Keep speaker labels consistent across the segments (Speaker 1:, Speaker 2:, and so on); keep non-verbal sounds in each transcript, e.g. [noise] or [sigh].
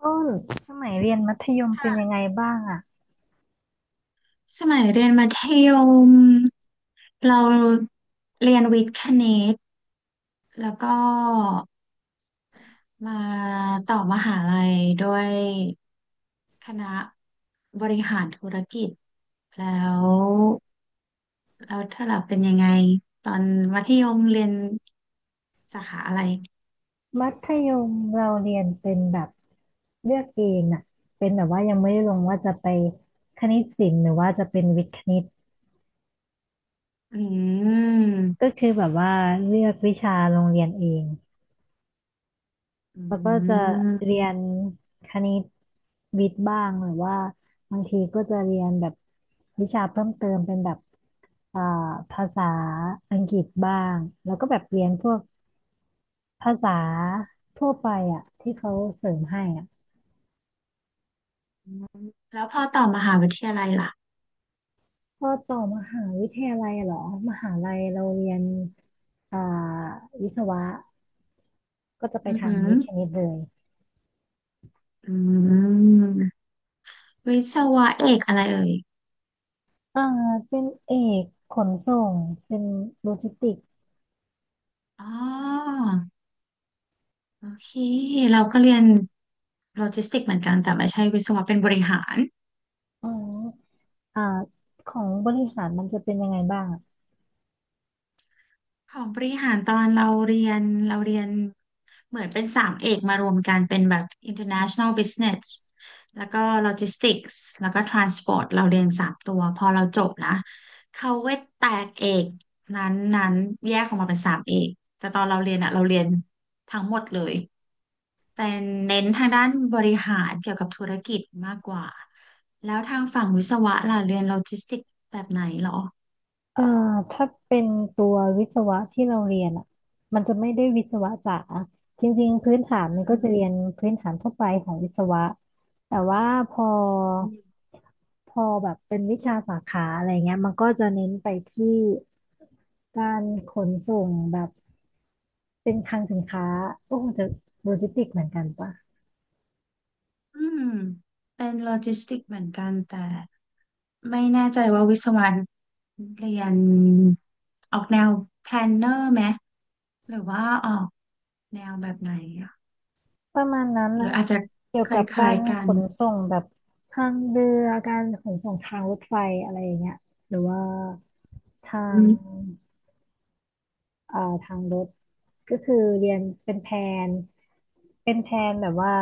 Speaker 1: ต้นสมัยเรียนมัธยมเป็นยัง
Speaker 2: ค่ะ
Speaker 1: ไงบ้างอะ
Speaker 2: สมัยเรียนมัธยมเราเรียนวิทย์คณิตแล้วก็มาต่อมหาลัยด้วยคณะบริหารธุรกิจแล้วแล้วเธอล่ะเป็นยังไงตอนมัธยมเรียนสาขาอะไร
Speaker 1: มัธยมเราเรียนเป็นแบบเลือกเองอะเป็นแบบว่ายังไม่ได้ลงว่าจะไปคณิตศิลป์หรือว่าจะเป็นวิทย์คณิต
Speaker 2: อืม
Speaker 1: ก็คือแบบว่าเลือกวิชาโรงเรียนเอง
Speaker 2: อื
Speaker 1: แล้วก็จะ
Speaker 2: ม
Speaker 1: เรียนคณิตวิทย์บ้างหรือว่าบางทีก็จะเรียนแบบวิชาเพิ่มเติมเป็นแบบอ่าภาษาอังกฤษบ้างแล้วก็แบบเรียนพวก ภาษาทั่วไปอ่ะที่เขาเสริมให้อ่ะ
Speaker 2: แล้วพอต่อมหาวิทยาลัยล่ะ
Speaker 1: พอต่อมหาวิทยาลัยเหรอมหาลัยเราเรียนอ่าวิศวะก็จะไป
Speaker 2: อือ
Speaker 1: ทา
Speaker 2: หื
Speaker 1: ง
Speaker 2: อ
Speaker 1: วิทย์คณิตเลย
Speaker 2: อืมวิศวะเอกอะไรเอ่ย
Speaker 1: อ่าเป็นเอกขนส่งเป็นโลจิสติกส์
Speaker 2: อ๋อ โอเคเราก็เรียนโลจิสติกเหมือนกันแต่ไม่ใช่วิศวะเป็นบริหาร
Speaker 1: อ๋ออ่าของบริหารมันจะเป็นยังไงบ้างอะ
Speaker 2: ของบริหารตอนเราเรียนเราเรียนเหมือนเป็นสามเอกมารวมกันเป็นแบบ International Business แล้วก็ Logistics แล้วก็ Transport เราเรียนสามตัวพอเราจบนะเขาก็แตกเอกนั้นแยกออกมาเป็นสามเอกแต่ตอนเราเรียนอะเราเรียนทั้งหมดเลย เป็นเน้นทางด้านบริหารเกี่ยวกับธุรกิจมากกว่าแล้วทางฝั่งวิศวะล่ะเรียนโลจิสติกแบบไหนเหรอ
Speaker 1: เอ่อถ้าเป็นตัววิศวะที่เราเรียนอ่ะมันจะไม่ได้วิศวะจ๋าจริงๆพื้นฐานมันก็
Speaker 2: อื
Speaker 1: จะ
Speaker 2: ม
Speaker 1: เรียนพื้นฐานทั่วไปของวิศวะแต่ว่าพอพอแบบเป็นวิชาสาขาอะไรเงี้ยมันก็จะเน้นไปที่การขนส่งแบบเป็นคลังสินค้าโอ้จะโลจิสติกเหมือนกันปะ
Speaker 2: อืมเป็นโลจิสติกเหมือนกันแต่ไม่แน่ใจว่าวิศวะเรียนออกแนวแพลนเนอร์ไหมหรือว่าออกแนวแบบไหนอะ
Speaker 1: ประมาณนั้น
Speaker 2: หรื
Speaker 1: นะ
Speaker 2: ออาจจะ
Speaker 1: เกี่ยว
Speaker 2: ค
Speaker 1: กับ
Speaker 2: ล้า
Speaker 1: กา
Speaker 2: ย
Speaker 1: ร
Speaker 2: ๆกั
Speaker 1: ข
Speaker 2: น
Speaker 1: นส่งแบบทางเรือการขนส่งทางรถไฟอะไรอย่างเงี้ยหรือว่าทาง
Speaker 2: อืม
Speaker 1: เอ่อทางรถก็คือเรียนเป็นแผนเป็นแผนแบบว่า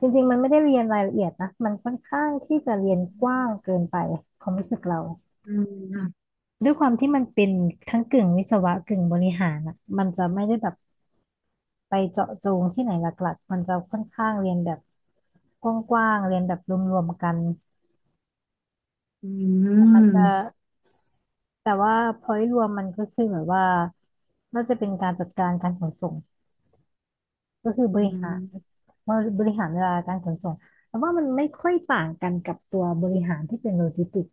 Speaker 1: จริงๆมันไม่ได้เรียนรายละเอียดนะมันค่อนข้างที่จะเรียนกว้างเกินไปความรู้สึกเรา
Speaker 2: อืม
Speaker 1: ด้วยความที่มันเป็นทั้งกึ่งวิศวะกึ่งบริหารอ่ะมันจะไม่ได้แบบ ไปเจาะจงที่ไหนหลักๆมันจะค่อนข้างเรียนแบบกว้างๆเรียนแบบรวมๆกัน
Speaker 2: อื
Speaker 1: มันจะ
Speaker 2: ม
Speaker 1: แต่ว่า point รวมมันก็คือแบบว่าน่าจะเป็นการจัดการการขนส่งก็คือบ
Speaker 2: อื
Speaker 1: ริหา
Speaker 2: ม
Speaker 1: รบริหารเวลาการขนส่งแต่ว่ามันไม่ค่อยต่างกันกับตัวบริหารที่เป็นโลจิสติกส์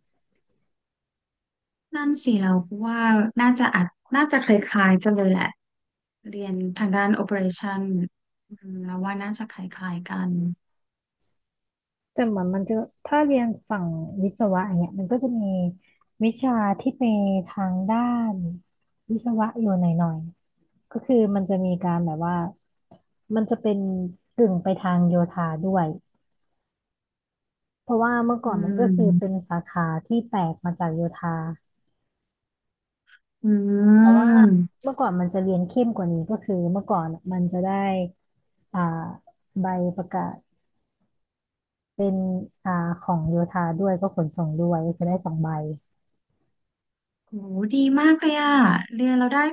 Speaker 2: นั่นสิเราว่าน่าจะอาจน่าจะคล้ายๆกันเลยแหละเรียนทางด้าน operation อืมเราว่าน่าจะคล้ายๆกัน
Speaker 1: แต่มันจะถ้าเรียนฝั่งวิศวะอย่างเงี้ยมันก็จะมีวิชาที่ไปทางด้านวิศวะอยู่หน่อยๆก็คือมันจะมีการแบบว่า มันจะเป็นกึ่งไปทางโยธาด้วยเพราะว่าเมื่อ
Speaker 2: อื
Speaker 1: ก่อนมันก็คือเป็น
Speaker 2: ม
Speaker 1: สาขาที่แตกมาจากโยธา
Speaker 2: อื
Speaker 1: แต่ว่า
Speaker 2: ม
Speaker 1: เมื่อก่อนมันจะเรียนเข้มกว่านี้ก็คือเมื่อก่อนมันจะได้อ่าใบประกาศเป็นอ่าของโยธาด้วยก็ขนส่งด้วยก็คือได้สองใบ
Speaker 2: โหดีมากเลยอ่ะเรียนเราได้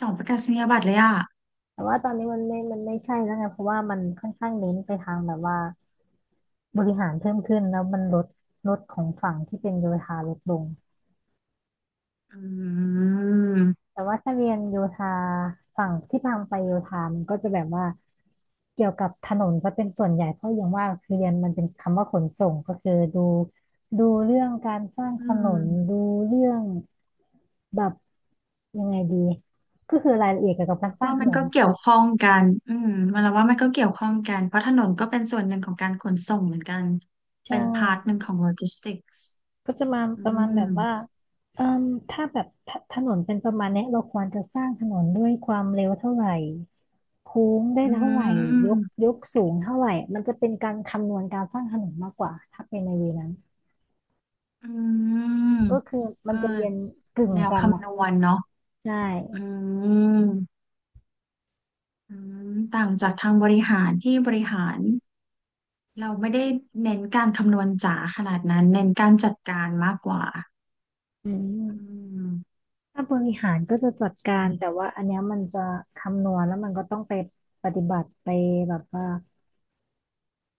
Speaker 2: สองประกาศนียบัตรเลยอ่ะ
Speaker 1: แต่ว่าตอนนี้มันไม่ใช่แล้วไงเพราะว่ามันค่อนข้างเน้นไปทางแบบว่าบริหารเพิ่มขึ้นแล้วมันลดของฝั่งที่เป็นโยธาลดลง
Speaker 2: อืม
Speaker 1: แต่ว่าถ้าเรียนโยธาฝั่งที่พังไปโยธามันก็จะแบบว่าเกี่ยวกับถนนซะเป็นส่วนใหญ่เพราะอย่างว่าคือเรียนมันเป็นคำว่าขนส่งก็คือดูเรื่องการสร้าง
Speaker 2: อื
Speaker 1: ถน
Speaker 2: ม
Speaker 1: นดูเรื่องแบบยังไงดีก็คือรายละเอียดเกี่ยวกับการสร้าง
Speaker 2: ว่า
Speaker 1: ถ
Speaker 2: มั
Speaker 1: น
Speaker 2: น
Speaker 1: น
Speaker 2: ก็เกี่ยวข้องกันอืมมันเราว่ามันก็เกี่ยวข้องกันเพราะถนนก็เป็นส่วนหนึ่งของการขนส่งเหมือนกัน
Speaker 1: ใช
Speaker 2: เป็นพาร์ท
Speaker 1: ่
Speaker 2: หนึ่งของโลจิสติกส์
Speaker 1: ก็จะมา
Speaker 2: อื
Speaker 1: ประมาณ
Speaker 2: ม
Speaker 1: แบบว่าเอ่มถ้าแบบถถนนเป็นประมาณเนี้ยเราควรจะสร้างถนนด้วยความเร็วเท่าไหร่โค้งได้
Speaker 2: อื
Speaker 1: เท่าไหร่ยกย
Speaker 2: ม
Speaker 1: กสูงเท่าไหร่มันจะเป็นการคำนวณการสร้างถนนมากกว่าถ้าเป็นในเวนั้น
Speaker 2: อืม
Speaker 1: ก็คือมัน
Speaker 2: ก็
Speaker 1: จะเรียนกึ่ง
Speaker 2: แนว
Speaker 1: กัน
Speaker 2: คำ
Speaker 1: อ่ะ
Speaker 2: นวณเนาะ
Speaker 1: ใช่
Speaker 2: อืมอืมต่างจากทางบริหารที่บริหารเราไม่ได้เน้นการคำนวณจ๋าขนาดนั้นเน้นการจัดการมากกว่า
Speaker 1: อื
Speaker 2: อื
Speaker 1: ม
Speaker 2: ม
Speaker 1: ถ้าบริหารก็จะจัดการแต่
Speaker 2: ใช่
Speaker 1: ว่าอันเนี้ยมันจะคำนวณแล้วมันก็ต้องไปปฏิบัติไปแบบว่า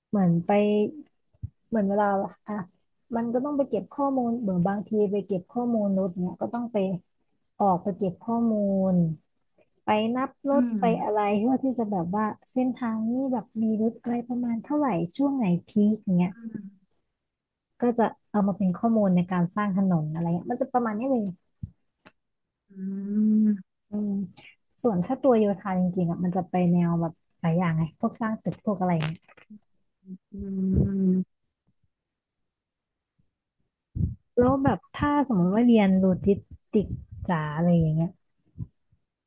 Speaker 1: เหมือนไป เหมือนเวลาอ่ะมันก็ต้องไปเก็บข้อมูลเหมือนบางทีไปเก็บข้อมูลรถเนี่ยก็ต้องไปออกไปเก็บข้อมูลไปนับร
Speaker 2: อื
Speaker 1: ถไปอะ
Speaker 2: ม
Speaker 1: ไรเพื่อที่จะแบบว่าเส้นทางนี้แบบมีรถอะไรประมาณเท่าไหร่ช่วงไหนพีคอย่างเงี้ย
Speaker 2: อืม
Speaker 1: ก็จะเอามาเป็นข้อมูลในการสร้างถนนอะไรเงี้ยมันจะประมาณนี้เลย
Speaker 2: อืม
Speaker 1: อืมส่วนถ้าตัวโยธาจริงๆอ่ะมันจะไปแนวแบบหลายอย่างไงพวกสร้างตึกพวกอะไรเงี้ย
Speaker 2: อืม
Speaker 1: แล้วแบบถ้าสมมติว่าเรียนโลจิสติกส์จ๋าอะไรอย่างเงี้ย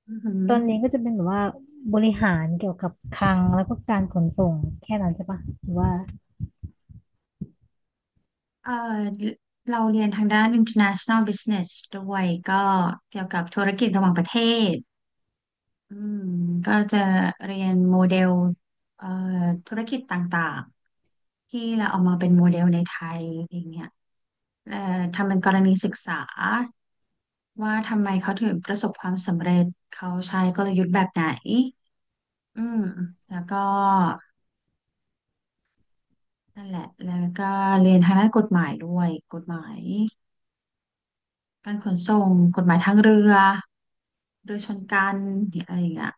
Speaker 2: อือหือ
Speaker 1: ตอนเรียนก็จะเป็นแบบว่าบริหารเกี่ยวกับคลังแล้วก็การขนส่งแค่นั้นใช่ปะหรือว่า
Speaker 2: เอ่อเราเรียนทางด้าน international business ด้วยก็เกี่ยวกับธุรกิจระหว่างประเทศ อืมก็จะเรียนโมเดลเอ่อธุรกิจต่างๆ ที่เราเอามาเป็นโมเดลในไทยอย่างเงี้ยเอ่อทำเป็นกรณีศึกษาว่าทำไมเขาถึงประสบความสำเร็จเขาใช้กลยุทธ์แบบไหนอืมแล้วก็นั่นแหละแล้วก็เรียนทางด้านกฎหมายด้วยกฎหมายการขนส่งกฎหมายทางเรือเรือชนกันเนี่ยอะไรอย่างเงี้ย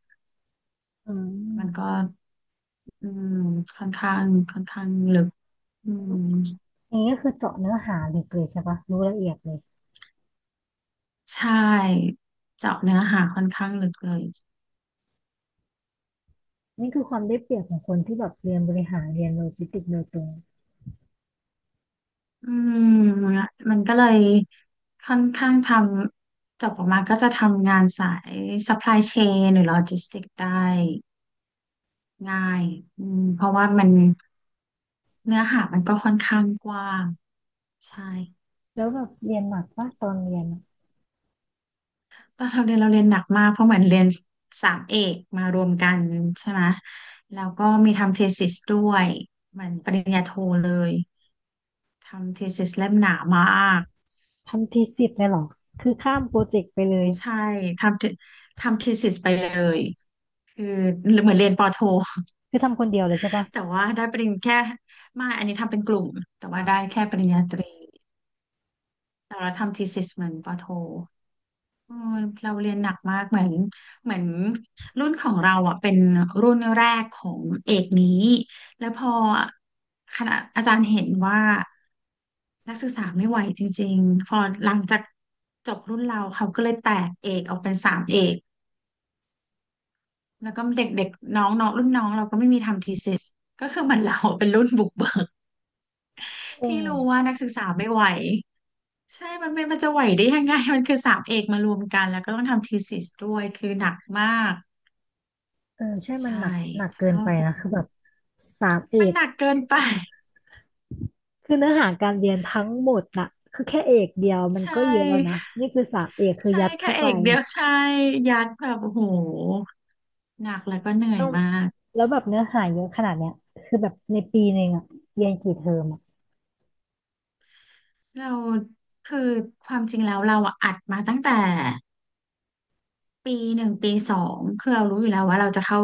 Speaker 1: อื
Speaker 2: มันก็
Speaker 1: ม
Speaker 2: อืมค่อนข้างค่อนข้างลึกอืม
Speaker 1: อย่างนี้ก็คือเจาะเนื้อหาลึกเลยใช่ปะรู้ละเอียดเลย
Speaker 2: ใช่เจาะเนื้อหาค่อนข้างลึกเลย
Speaker 1: นี่คือความได้เปรียบของคนที่แบบเรียนบริหารเรียนโลจิสติกส์โดยตรง
Speaker 2: อืมมันก็เลยค่อนข้างทำจบออกมาก็จะทำงานสาย supply chain หรือ logistics ได้ง่ายอืมเพราะว่ามันเนื้อหามันก็ค่อนข้างกว้างใช่
Speaker 1: แล้วแบบเรียนหนักปะตอนเรียนอะ
Speaker 2: ตอนเราเรียนเราเรียนหนักมากเพราะเหมือนเรียนสามเอกมารวมกันใช่ไหมแล้วก็มีทำ thesis ด้วยเหมือนปริญญาโทเลยทำ thesis เล่มหนามาก
Speaker 1: ทำทีสิบเลยเหรอคือข้ามโปรเจกต์ไปเลย
Speaker 2: ใช่ทำ the- ทำ thesis ไปเลยคือเหมือนเรียนปอโท [laughs]
Speaker 1: คือทำคนเดียวเลยใช่ปะ
Speaker 2: แต่ว่าได้ปริญญาแค่ไมาอันนี้ทำเป็นกลุ่มแต่ว่า
Speaker 1: อ่ะ
Speaker 2: ได้แค่ปริญญาตรีแต่เราทำ thesis เหมือนปอโท เออเราเรียนหนักมากเหมือนรุ่นของเราอ่ะเป็นรุ่นแรกของเอกนี้แล้วพอคณะอาจารย์เห็นว่านักศึกษาไม่ไหวจริงๆพอหลังจากจบรุ่นเราเขาก็เลยแตกเอกออกเป็นสามเอกแล้วก็เด็กๆน้องน้องรุ่นน้องเราก็ไม่มีทำทีซิสก็คือเหมือนเราเป็นรุ่นบุกเบิก
Speaker 1: เอ
Speaker 2: ที่รู้ว่า
Speaker 1: อ
Speaker 2: นักศึกษาไม่ไหวใช่มันจะไหวได้ยังไง [laughs] มันคือสามเอกมารวมกันแล้วก็ต้องทำทีซิสด้วยคือหนักมาก
Speaker 1: เออใช่มัน
Speaker 2: ใช่
Speaker 1: หนัก
Speaker 2: แต่
Speaker 1: เกิน
Speaker 2: ก็
Speaker 1: ไป
Speaker 2: เป็
Speaker 1: นะ
Speaker 2: น
Speaker 1: คือแบบสามเอ
Speaker 2: มัน
Speaker 1: ก
Speaker 2: หนักเกินไป
Speaker 1: คือเนื้อหาการเรียนทั้งหมดน่ะคือแค่เอกเดียว
Speaker 2: [laughs]
Speaker 1: มัน
Speaker 2: ใช่
Speaker 1: ก็เยอะแล้วนะนี่คือสามเอกคือ
Speaker 2: ใช่
Speaker 1: ยัด
Speaker 2: แค่
Speaker 1: เข้า
Speaker 2: เอ
Speaker 1: ไป
Speaker 2: กเดียวใช่ยัดแบบโอ้โหหนักแล้วก็เหนื่อ
Speaker 1: ต้
Speaker 2: ย
Speaker 1: อง
Speaker 2: มาก
Speaker 1: แล้วแบบเนื้อหาเยอะขนาดเนี้ยคือแบบในปีหนึ่งอะเรียนกี่เทอมอะ
Speaker 2: เราคือความจริงแล้วเราอะอัดมาตั้งแต่ปีหนึ่งปีสองคือเรารู้อยู่แล้วว่าเราจะเข้า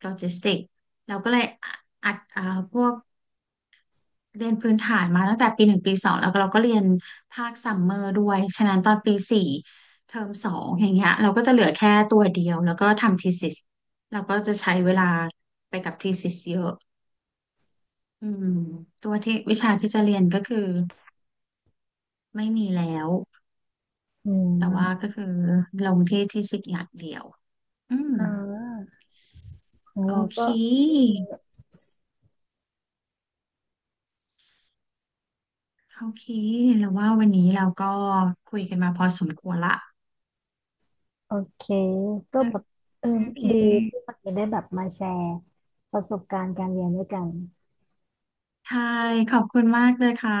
Speaker 2: โลจิสติกเราก็เลยอัดพวก เรียนพื้นฐานมาตั้งแต่ปีหนึ่งปีสองแล้วก็เราก็เรียนภาคซัมเมอร์ด้วย ฉะนั้นตอนปีสี่เทอมสองอย่างเงี้ยเราก็จะเหลือแค่ตัวเดียวแล้วก็ทำทีซิสเราก็จะใช้เวลาไปกับทีซิสเยอะอืมตัวที่วิชาที่จะเรียนก็คือไม่มีแล้ว
Speaker 1: อื
Speaker 2: แต่ว่า
Speaker 1: ม
Speaker 2: ก็คือลงที่ทีสิสอย่างเดียวอืม
Speaker 1: อ่าของ
Speaker 2: โอ
Speaker 1: เรา
Speaker 2: เค
Speaker 1: ก็อืม
Speaker 2: โอเคแล้วว่าวันนี้เราก็คุยกันมาพอสมควรละ
Speaker 1: โอเคก็แบบเออ
Speaker 2: โอเค
Speaker 1: ดีที่วันนี้ได้แบบมาแชร์ประสบการณ์การเรียนด้วยกัน
Speaker 2: ใช่ขอบคุณมากเลยค่ะ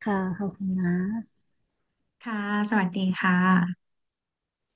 Speaker 1: ค่ะขอบคุณนะ
Speaker 2: ค่ะสวัสดีค่ะ